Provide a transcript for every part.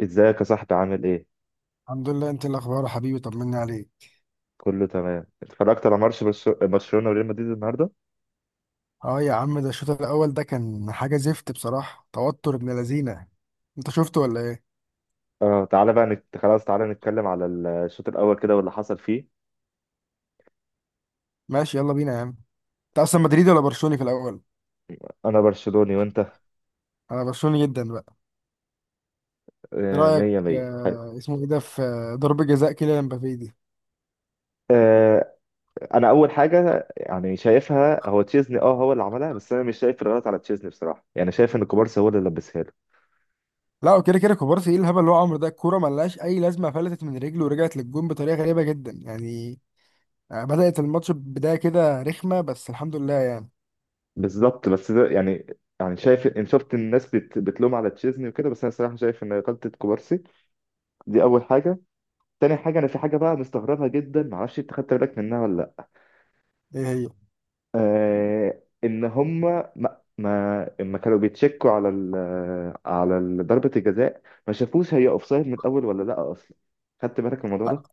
ازيك يا صاحبي، عامل ايه؟ الحمد لله، انت إيه الاخبار يا حبيبي؟ طمني عليك. كله تمام. اتفرجت على ماتش برشلونة وريال مدريد النهارده؟ اه يا عم، ده الشوط الاول ده كان حاجه زفت بصراحه. توتر ابن لذينه. انت شفته ولا ايه؟ اه، تعالى بقى خلاص، تعالى نتكلم على الشوط الاول كده واللي حصل فيه. ماشي يلا بينا يا عم. انت اصلا مدريدي ولا برشلوني في الاول؟ انا برشلوني، وانت؟ انا برشلوني جدا بقى. ايه آه، رايك؟ مية مية، حلو. آه اسمه ايه ده في آه، ضربه جزاء كيليان مبابي دي. آه. انا اول حاجه يعني شايفها، هو تشيزني، اه هو اللي عملها، بس انا مش شايف الغلط على تشيزني بصراحه. يعني شايف ان كوبارسي هو اللي لبسها له. لا، وكده كوبارسي ايه الهبل اللي هو عمره ده؟ الكوره ملهاش اي لازمه، فلتت من رجله ورجعت للجون بطريقه غريبه جدا يعني. بدات الماتش بدايه كده رخمه، بس الحمد لله يعني. بالظبط، بس ده يعني، يعني شايف ان شفت الناس بتلوم على تشيزني وكده، بس انا صراحه شايف ان غلطه كوبارسي. دي اول حاجه. تاني حاجة، أنا في حاجة بقى مستغربها جدا، معرفش أنت خدت بالك منها ولا لأ. ايه هي؟ آه، إن هما ما لما كانوا بيتشكوا على ضربة الجزاء، ما شافوش هي أوفسايد من الأول ولا لأ أصلا؟ خدت بالك من الموضوع ده؟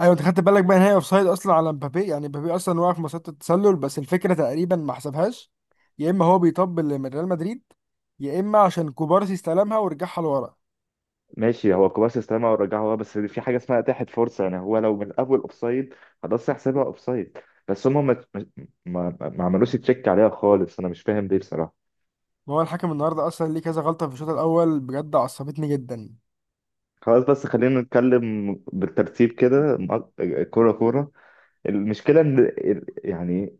ايوه، انت خدت بالك بقى ان هي اوف سايد اصلا على مبابي؟ يعني مبابي اصلا واقف في مسيره التسلل، بس الفكره تقريبا ما حسبهاش. يا اما هو بيطبل لريال مدريد، يا اما عشان كوبارسي استلمها ورجعها لورا. ماشي، هو كوبارسي استلمها ورجعها، بس في حاجة اسمها أتاحت فرصة. يعني هو لو من الأول أوفسايد، خلاص هيحسبها أوفسايد، بس هما ما ما عملوش تشيك عليها خالص. أنا مش فاهم ليه بصراحة. ما هو الحكم النهارده اصلا ليه كذا غلطه في الشوط الاول؟ بجد عصبتني جدا. خلاص، بس خلينا نتكلم بالترتيب كده، كورة كورة. المشكله ان يعني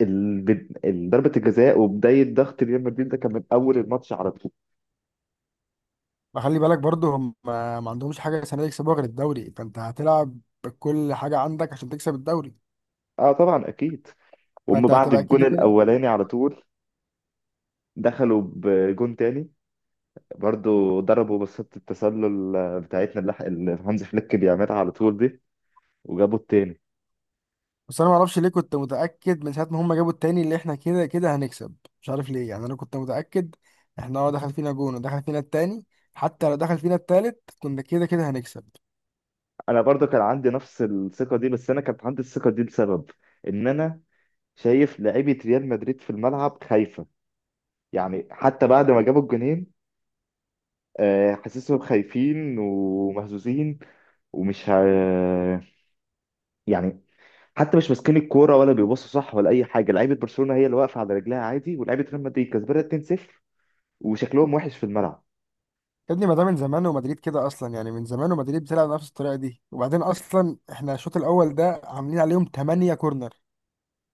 ضربه الجزاء وبدايه ضغط ريال مدريد ده كان من اول الماتش على طول. وخلي بالك برضه هم ما عندهمش حاجه السنه دي يكسبوها غير الدوري، فانت هتلعب بكل حاجه عندك عشان تكسب الدوري. اه طبعا، اكيد. وهم فانت بعد هتبقى الجون كده. الاولاني على طول دخلوا بجون تاني، برضو ضربوا بصة التسلل بتاعتنا اللي هانز فليك بيعملها على طول دي، وجابوا التاني. بس انا ما اعرفش ليه كنت متاكد من ساعه ما هم جابوا التاني اللي احنا كده كده هنكسب. مش عارف ليه يعني، انا كنت متاكد. احنا اه دخل فينا جون ودخل فينا التاني، حتى لو دخل فينا التالت كنا كده كده هنكسب. انا برضو كان عندي نفس الثقه دي، بس انا كانت عندي الثقه دي لسبب، ان انا شايف لعيبه ريال مدريد في الملعب خايفه. يعني حتى بعد ما جابوا الجونين، آه، حاسسهم خايفين ومهزوزين. ومش ه... يعني حتى مش ماسكين الكوره ولا بيبصوا صح ولا اي حاجه. لعيبه برشلونه هي اللي واقفه على رجلها عادي، ولعيبه ريال مدريد كسبانه 2-0 وشكلهم وحش في الملعب. يا ابني ما ده من زمان ومدريد كده اصلا، يعني من زمان ومدريد بتلعب نفس الطريقه دي. وبعدين اصلا احنا الشوط الاول ده عاملين عليهم 8 كورنر.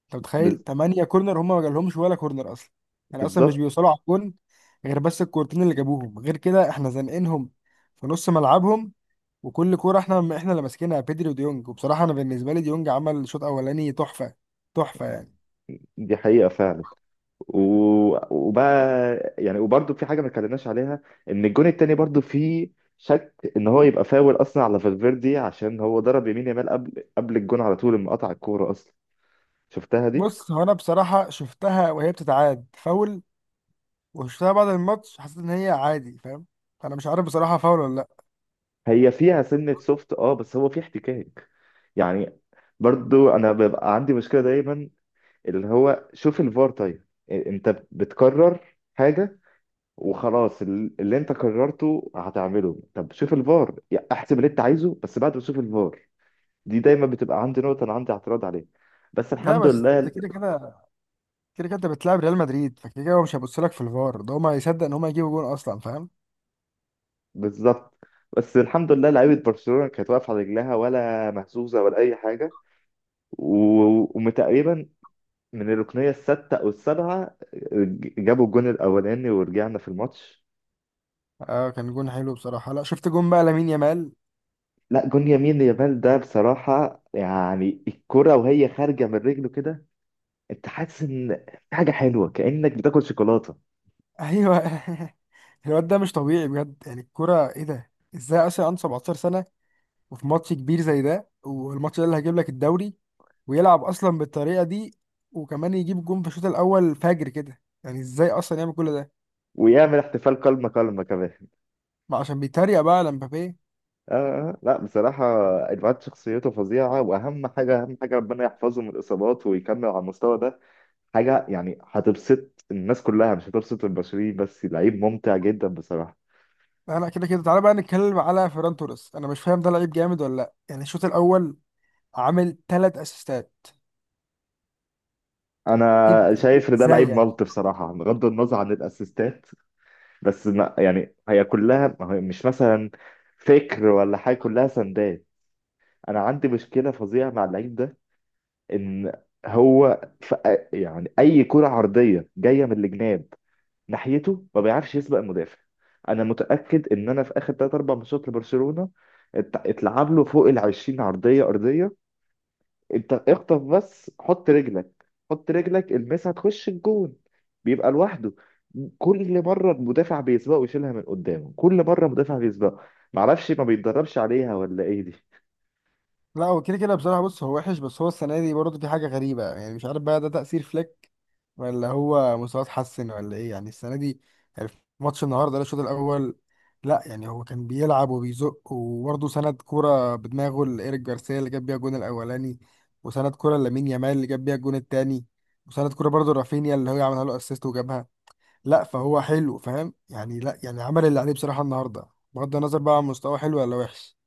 انت متخيل بز- 8 كورنر هم ما جالهمش ولا كورنر اصلا؟ يعني اصلا مش بالظبط. بيوصلوا على الجون غير بس الكورتين اللي جابوهم. غير كده احنا زنقينهم في نص ملعبهم، وكل كوره احنا اللي ماسكينها بيدري وديونج. وبصراحه انا بالنسبه لي ديونج عمل شوط اولاني تحفه، تحفه يعني. دي حقيقه فعلا. و... وبقى يعني، وبرده في حاجه ما اتكلمناش عليها، ان الجون التاني برده فيه شك ان هو يبقى فاول اصلا على فالفيردي، عشان هو ضرب يمين يامال قبل الجون على طول لما قطع الكوره اصلا. شفتها دي؟ بص، هو انا بصراحه شفتها وهي بتتعاد فاول، وشفتها بعد الماتش حسيت ان هي عادي، فاهم؟ انا مش عارف بصراحه فاول ولا لا. هي فيها سنة سوفت، اه بس هو فيه احتكاك. يعني برضو انا ببقى عندي مشكلة دايما، اللي هو شوف الفار، طيب انت بتكرر حاجة وخلاص، اللي انت كررته هتعمله، طب شوف الفار، يعني احسب اللي انت عايزه بس بعد ما تشوف الفار. دي دايما بتبقى عندي نقطة، انا عندي اعتراض عليها، بس لا، الحمد بس ده لله. كده كده انت بتلعب ريال مدريد، فكده كده هو مش هيبص لك في الفار، ده هما يصدق ان هما يجيبوا جون اصلا، فاهم؟ بالظبط. بس الحمد لله لعيبة برشلونة كانت واقفة على رجلها، ولا مهزوزة ولا أي حاجة. وتقريبا من الركنية الستة أو السابعة جابوا الجون الأولاني، ورجعنا في الماتش. اه كان جون حلو بصراحه. لا شفت جون بقى لامين يامال؟ لا، جون يمين يامال ده بصراحة، يعني الكرة وهي خارجة من رجله كده، أنت حاسس إن في حاجة حلوة، كأنك بتاكل شوكولاتة. ايوه. الواد ده مش طبيعي بجد، يعني الكوره ايه ده؟ ازاي اصلا عنده 17 وفي ماتش كبير زي ده، والماتش ده اللي هيجيب لك الدوري، ويلعب اصلا بالطريقه دي، وكمان يجيب جون في الشوط الاول فجر كده؟ يعني ازاي اصلا يعمل كل ده؟ ويعمل احتفال كلمة كلمة كمان. ما عشان بيتريق بقى على مبابي. آه. آه، لا بصراحة، الواد شخصيته فظيعة، وأهم حاجة، أهم حاجة، ربنا يحفظه من الإصابات ويكمل على المستوى ده. حاجة يعني هتبسط الناس كلها، مش هتبسط البشريين بس، لعيب ممتع جدا بصراحة. انا كده كده تعالى بقى نتكلم على فيران توريس. انا مش فاهم ده لعيب جامد ولا لا يعني. الشوط الاول عامل ثلاث اسيستات. ايه انا ده؟ شايف ان ده ازاي لعيب يعني؟ ملط بصراحه، بغض النظر عن الاسيستات. بس ما يعني، هي كلها، ما هي مش مثلا فكر ولا حاجه، كلها سندات. انا عندي مشكله فظيعه مع اللعيب ده، ان هو ف... يعني اي كره عرضيه جايه من الجناب ناحيته، ما بيعرفش يسبق المدافع. انا متاكد ان انا في اخر 3 4 ماتشات لبرشلونه اتلعب له فوق ال 20 عرضيه ارضيه، انت اخطف بس، حط رجلك، حط رجلك المسها تخش الجون، بيبقى لوحده. كل مره المدافع بيسبقه ويشيلها من قدامه، كل مره مدافع بيسبقه. معرفش ما بيتدربش عليها ولا ايه دي. لا هو كده كده بصراحه، بص هو وحش، بس هو السنه دي برضه في حاجه غريبه يعني. مش عارف بقى ده تاثير فليك ولا هو مستواه اتحسن ولا ايه يعني السنه دي. يعني في ماتش النهارده ده الشوط الاول، لا يعني هو كان بيلعب وبيزق، وبرضه سند كوره بدماغه لايريك جارسيا اللي جاب بيها الجون الاولاني، وسند كوره لامين يامال اللي جاب بيها الجون التاني، وسند كوره برضه رافينيا اللي هو عملها له اسيست وجابها. لا فهو حلو، فاهم يعني؟ لا يعني عمل اللي عليه بصراحه النهارده، بغض النظر بقى عن مستواه حلو ولا وحش.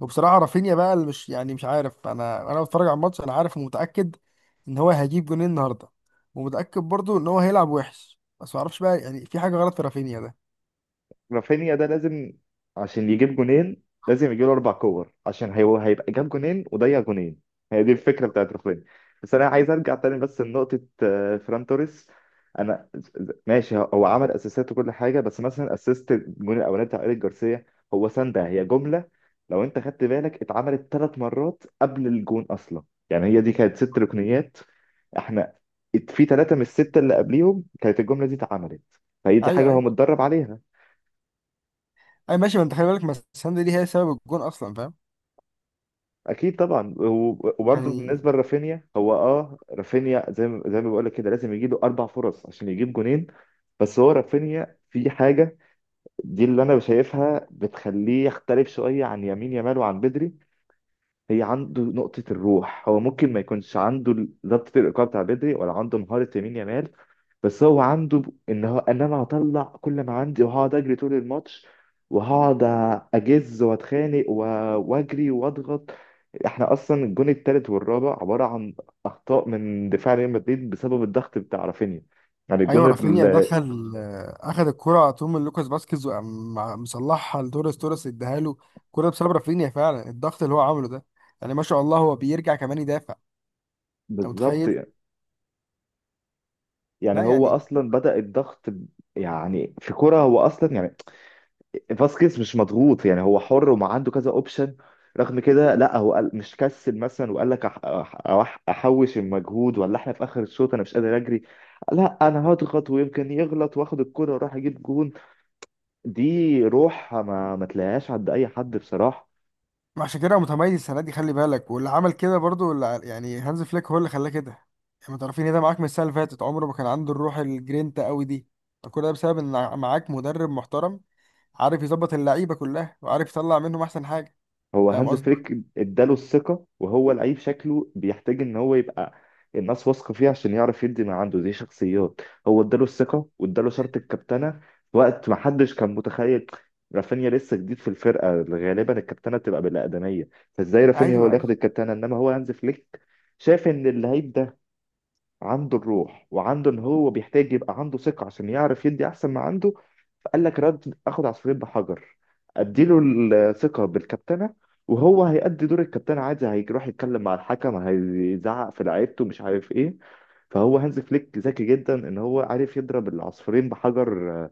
وبصراحه رافينيا بقى اللي مش يعني مش عارف، انا بتفرج على الماتش انا عارف ومتاكد ان هو هيجيب جونين النهارده، ومتاكد برضو ان هو هيلعب وحش. بس ما اعرفش بقى يعني في حاجه غلط في رافينيا ده. رافينيا ده لازم، عشان يجيب جونين لازم يجيله اربع كور، عشان هيبقى جاب جونين وضيع جونين. هي دي الفكره بتاعت رافينيا. بس انا عايز ارجع تاني بس لنقطه آه، فران توريس. انا، ماشي هو عمل اسيستات وكل حاجه، بس مثلا اسيست الجون الاولاني بتاع ايريك جارسيا، هو سندها، هي جمله. لو انت خدت بالك، اتعملت ثلاث مرات قبل الجون اصلا. يعني هي دي كانت ست ركنيات، احنا في ثلاثه من السته اللي قبليهم كانت الجمله دي اتعملت. فهي دي حاجه ايوه، هو ايوه. متدرب عليها. اي ماشي، ما انت خلي بالك، ما السند دي هي سبب الجون اصلا، فاهم اكيد طبعا. وبرضه يعني؟ بالنسبه لرافينيا، هو اه، رافينيا زي ما بقول لك كده، لازم يجي له اربع فرص عشان يجيب جونين. بس هو رافينيا في حاجه، دي اللي انا شايفها بتخليه يختلف شويه عن يمين يامال وعن بدري. هي عنده نقطه الروح. هو ممكن ما يكونش عنده ضبط الإيقاع بتاع بدري، ولا عنده مهاره يمين يامال، بس هو عنده ان هو، ان انا هطلع كل ما عندي، وهقعد اجري طول الماتش، وهقعد اجز واتخانق واجري واضغط. احنا اصلا الجون التالت والرابع عباره عن اخطاء من دفاع ريال مدريد بسبب الضغط بتاع رافينيا. يعني ايوه رافينيا دخل، اخد الكره على طول من لوكاس فاسكيز، وقام مصلحها لتوريس، توريس اداها له كرة بسبب رافينيا، فعلا الضغط اللي هو عمله ده يعني. ما شاء الله هو بيرجع كمان يدافع. انت بالظبط. متخيل؟ يعني لا هو يعني اصلا بدأ الضغط يعني في كرة هو اصلا يعني، فاسكيز مش مضغوط، يعني هو حر وما عنده كذا اوبشن، رغم كده لا، هو قال مش كسل مثلا وقال لك، أح أح احوش المجهود ولا احنا في اخر الشوط انا مش قادر اجري. لا، انا هضغط ويمكن يغلط، واخد الكرة واروح اجيب جون. دي روح ما تلاقيهاش عند اي حد بصراحة. عشان كده هو متميز السنه دي، خلي بالك. واللي عمل كده برضو اللي يعني هانز فليك هو اللي خلاه كده. يعني ما تعرفين ايه ده معاك من السنه اللي فاتت، عمره ما كان عنده الروح الجرينتا قوي دي. كل ده بسبب ان معاك مدرب محترم، عارف يظبط اللعيبه كلها وعارف يطلع منهم احسن حاجه. هو فاهم هانز قصدي؟ فليك اداله الثقة، وهو لعيب شكله بيحتاج ان هو يبقى الناس واثقة فيه عشان يعرف يدي ما عنده. دي شخصيات. هو اداله الثقة واداله شرط الكابتنة في وقت ما حدش كان متخيل. رافينيا لسه جديد في الفرقة، غالبا الكابتنة بتبقى بالأقدمية، فازاي رافينيا هو ايوه، اللي ياخد ايوه. الكابتنة؟ انما هو هانز فليك شاف ان اللعيب ده عنده الروح، وعنده ان هو بيحتاج يبقى عنده ثقه عشان يعرف يدي احسن ما عنده. فقال لك رد، اخد عصفورين بحجر، اديله الثقه بالكابتنه، وهو هيأدي دور الكابتنه عادي، هيروح يتكلم مع الحكم، هيزعق في لعيبته، مش عارف ايه. فهو هانز فليك ذكي جدا، ان هو عارف يضرب العصفورين بحجر آه،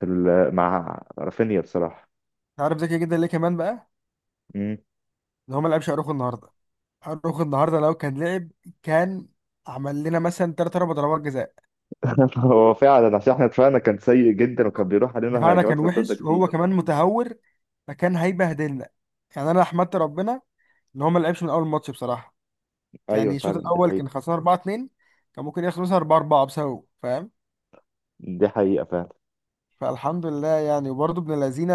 في مع رافينيا بصراحه. عارف ذكي جدا ليه كمان بقى؟ مم. ان هو ما لعبش اروخو النهارده. اروخو النهارده لو كان لعب كان عمل لنا مثلا ثلاث اربع ضربات جزاء. هو فعلا، عشان احنا دفاعنا كان سيء جدا، وكان بيروح علينا دفاعنا كان هجمات مرتده وحش، وهو كتير. كمان متهور، فكان هيبهدلنا. يعني انا احمدت ربنا ان هو ما لعبش من اول ماتش بصراحه. ايوه يعني الشوط فعلا، دي الاول كان حقيقه. خسران 4-2، كان ممكن يخلص 4-4 بسببه، فاهم؟ دي حقيقه فعلا. فالحمد لله يعني. وبرضه ابن الذين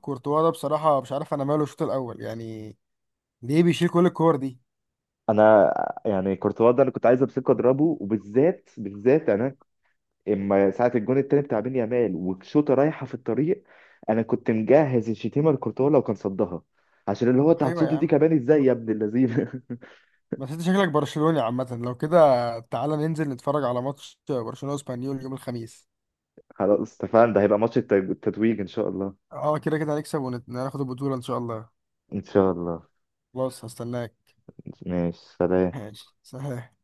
كورتوا ده بصراحه، مش عارف انا ماله الشوط الاول يعني، ليه بيشيل كل الكور دي؟ انا، يعني كورتوا ده انا كنت عايز امسكه اضربه، وبالذات بالذات انا اما ساعه الجون التاني بتاع بين يامال والشوطه رايحه في الطريق، انا كنت مجهز الشتيمه لكورتوا لو كان صدها، عشان اللي هو، انت ايوه يا هتصد دي عم. كمان ازاي يا ابن اللذين. بس انت شكلك برشلوني عامه لو كده. تعالى ننزل نتفرج على ماتش برشلونه واسبانيول يوم الخميس. خلاص اتفقنا، ده هيبقى ماتش التتويج ان شاء الله. اه كده كده هنكسب وناخد البطوله ان شاء الله. ان شاء الله. خلاص هستناك. ماشي، سلام. ماشي، سلام.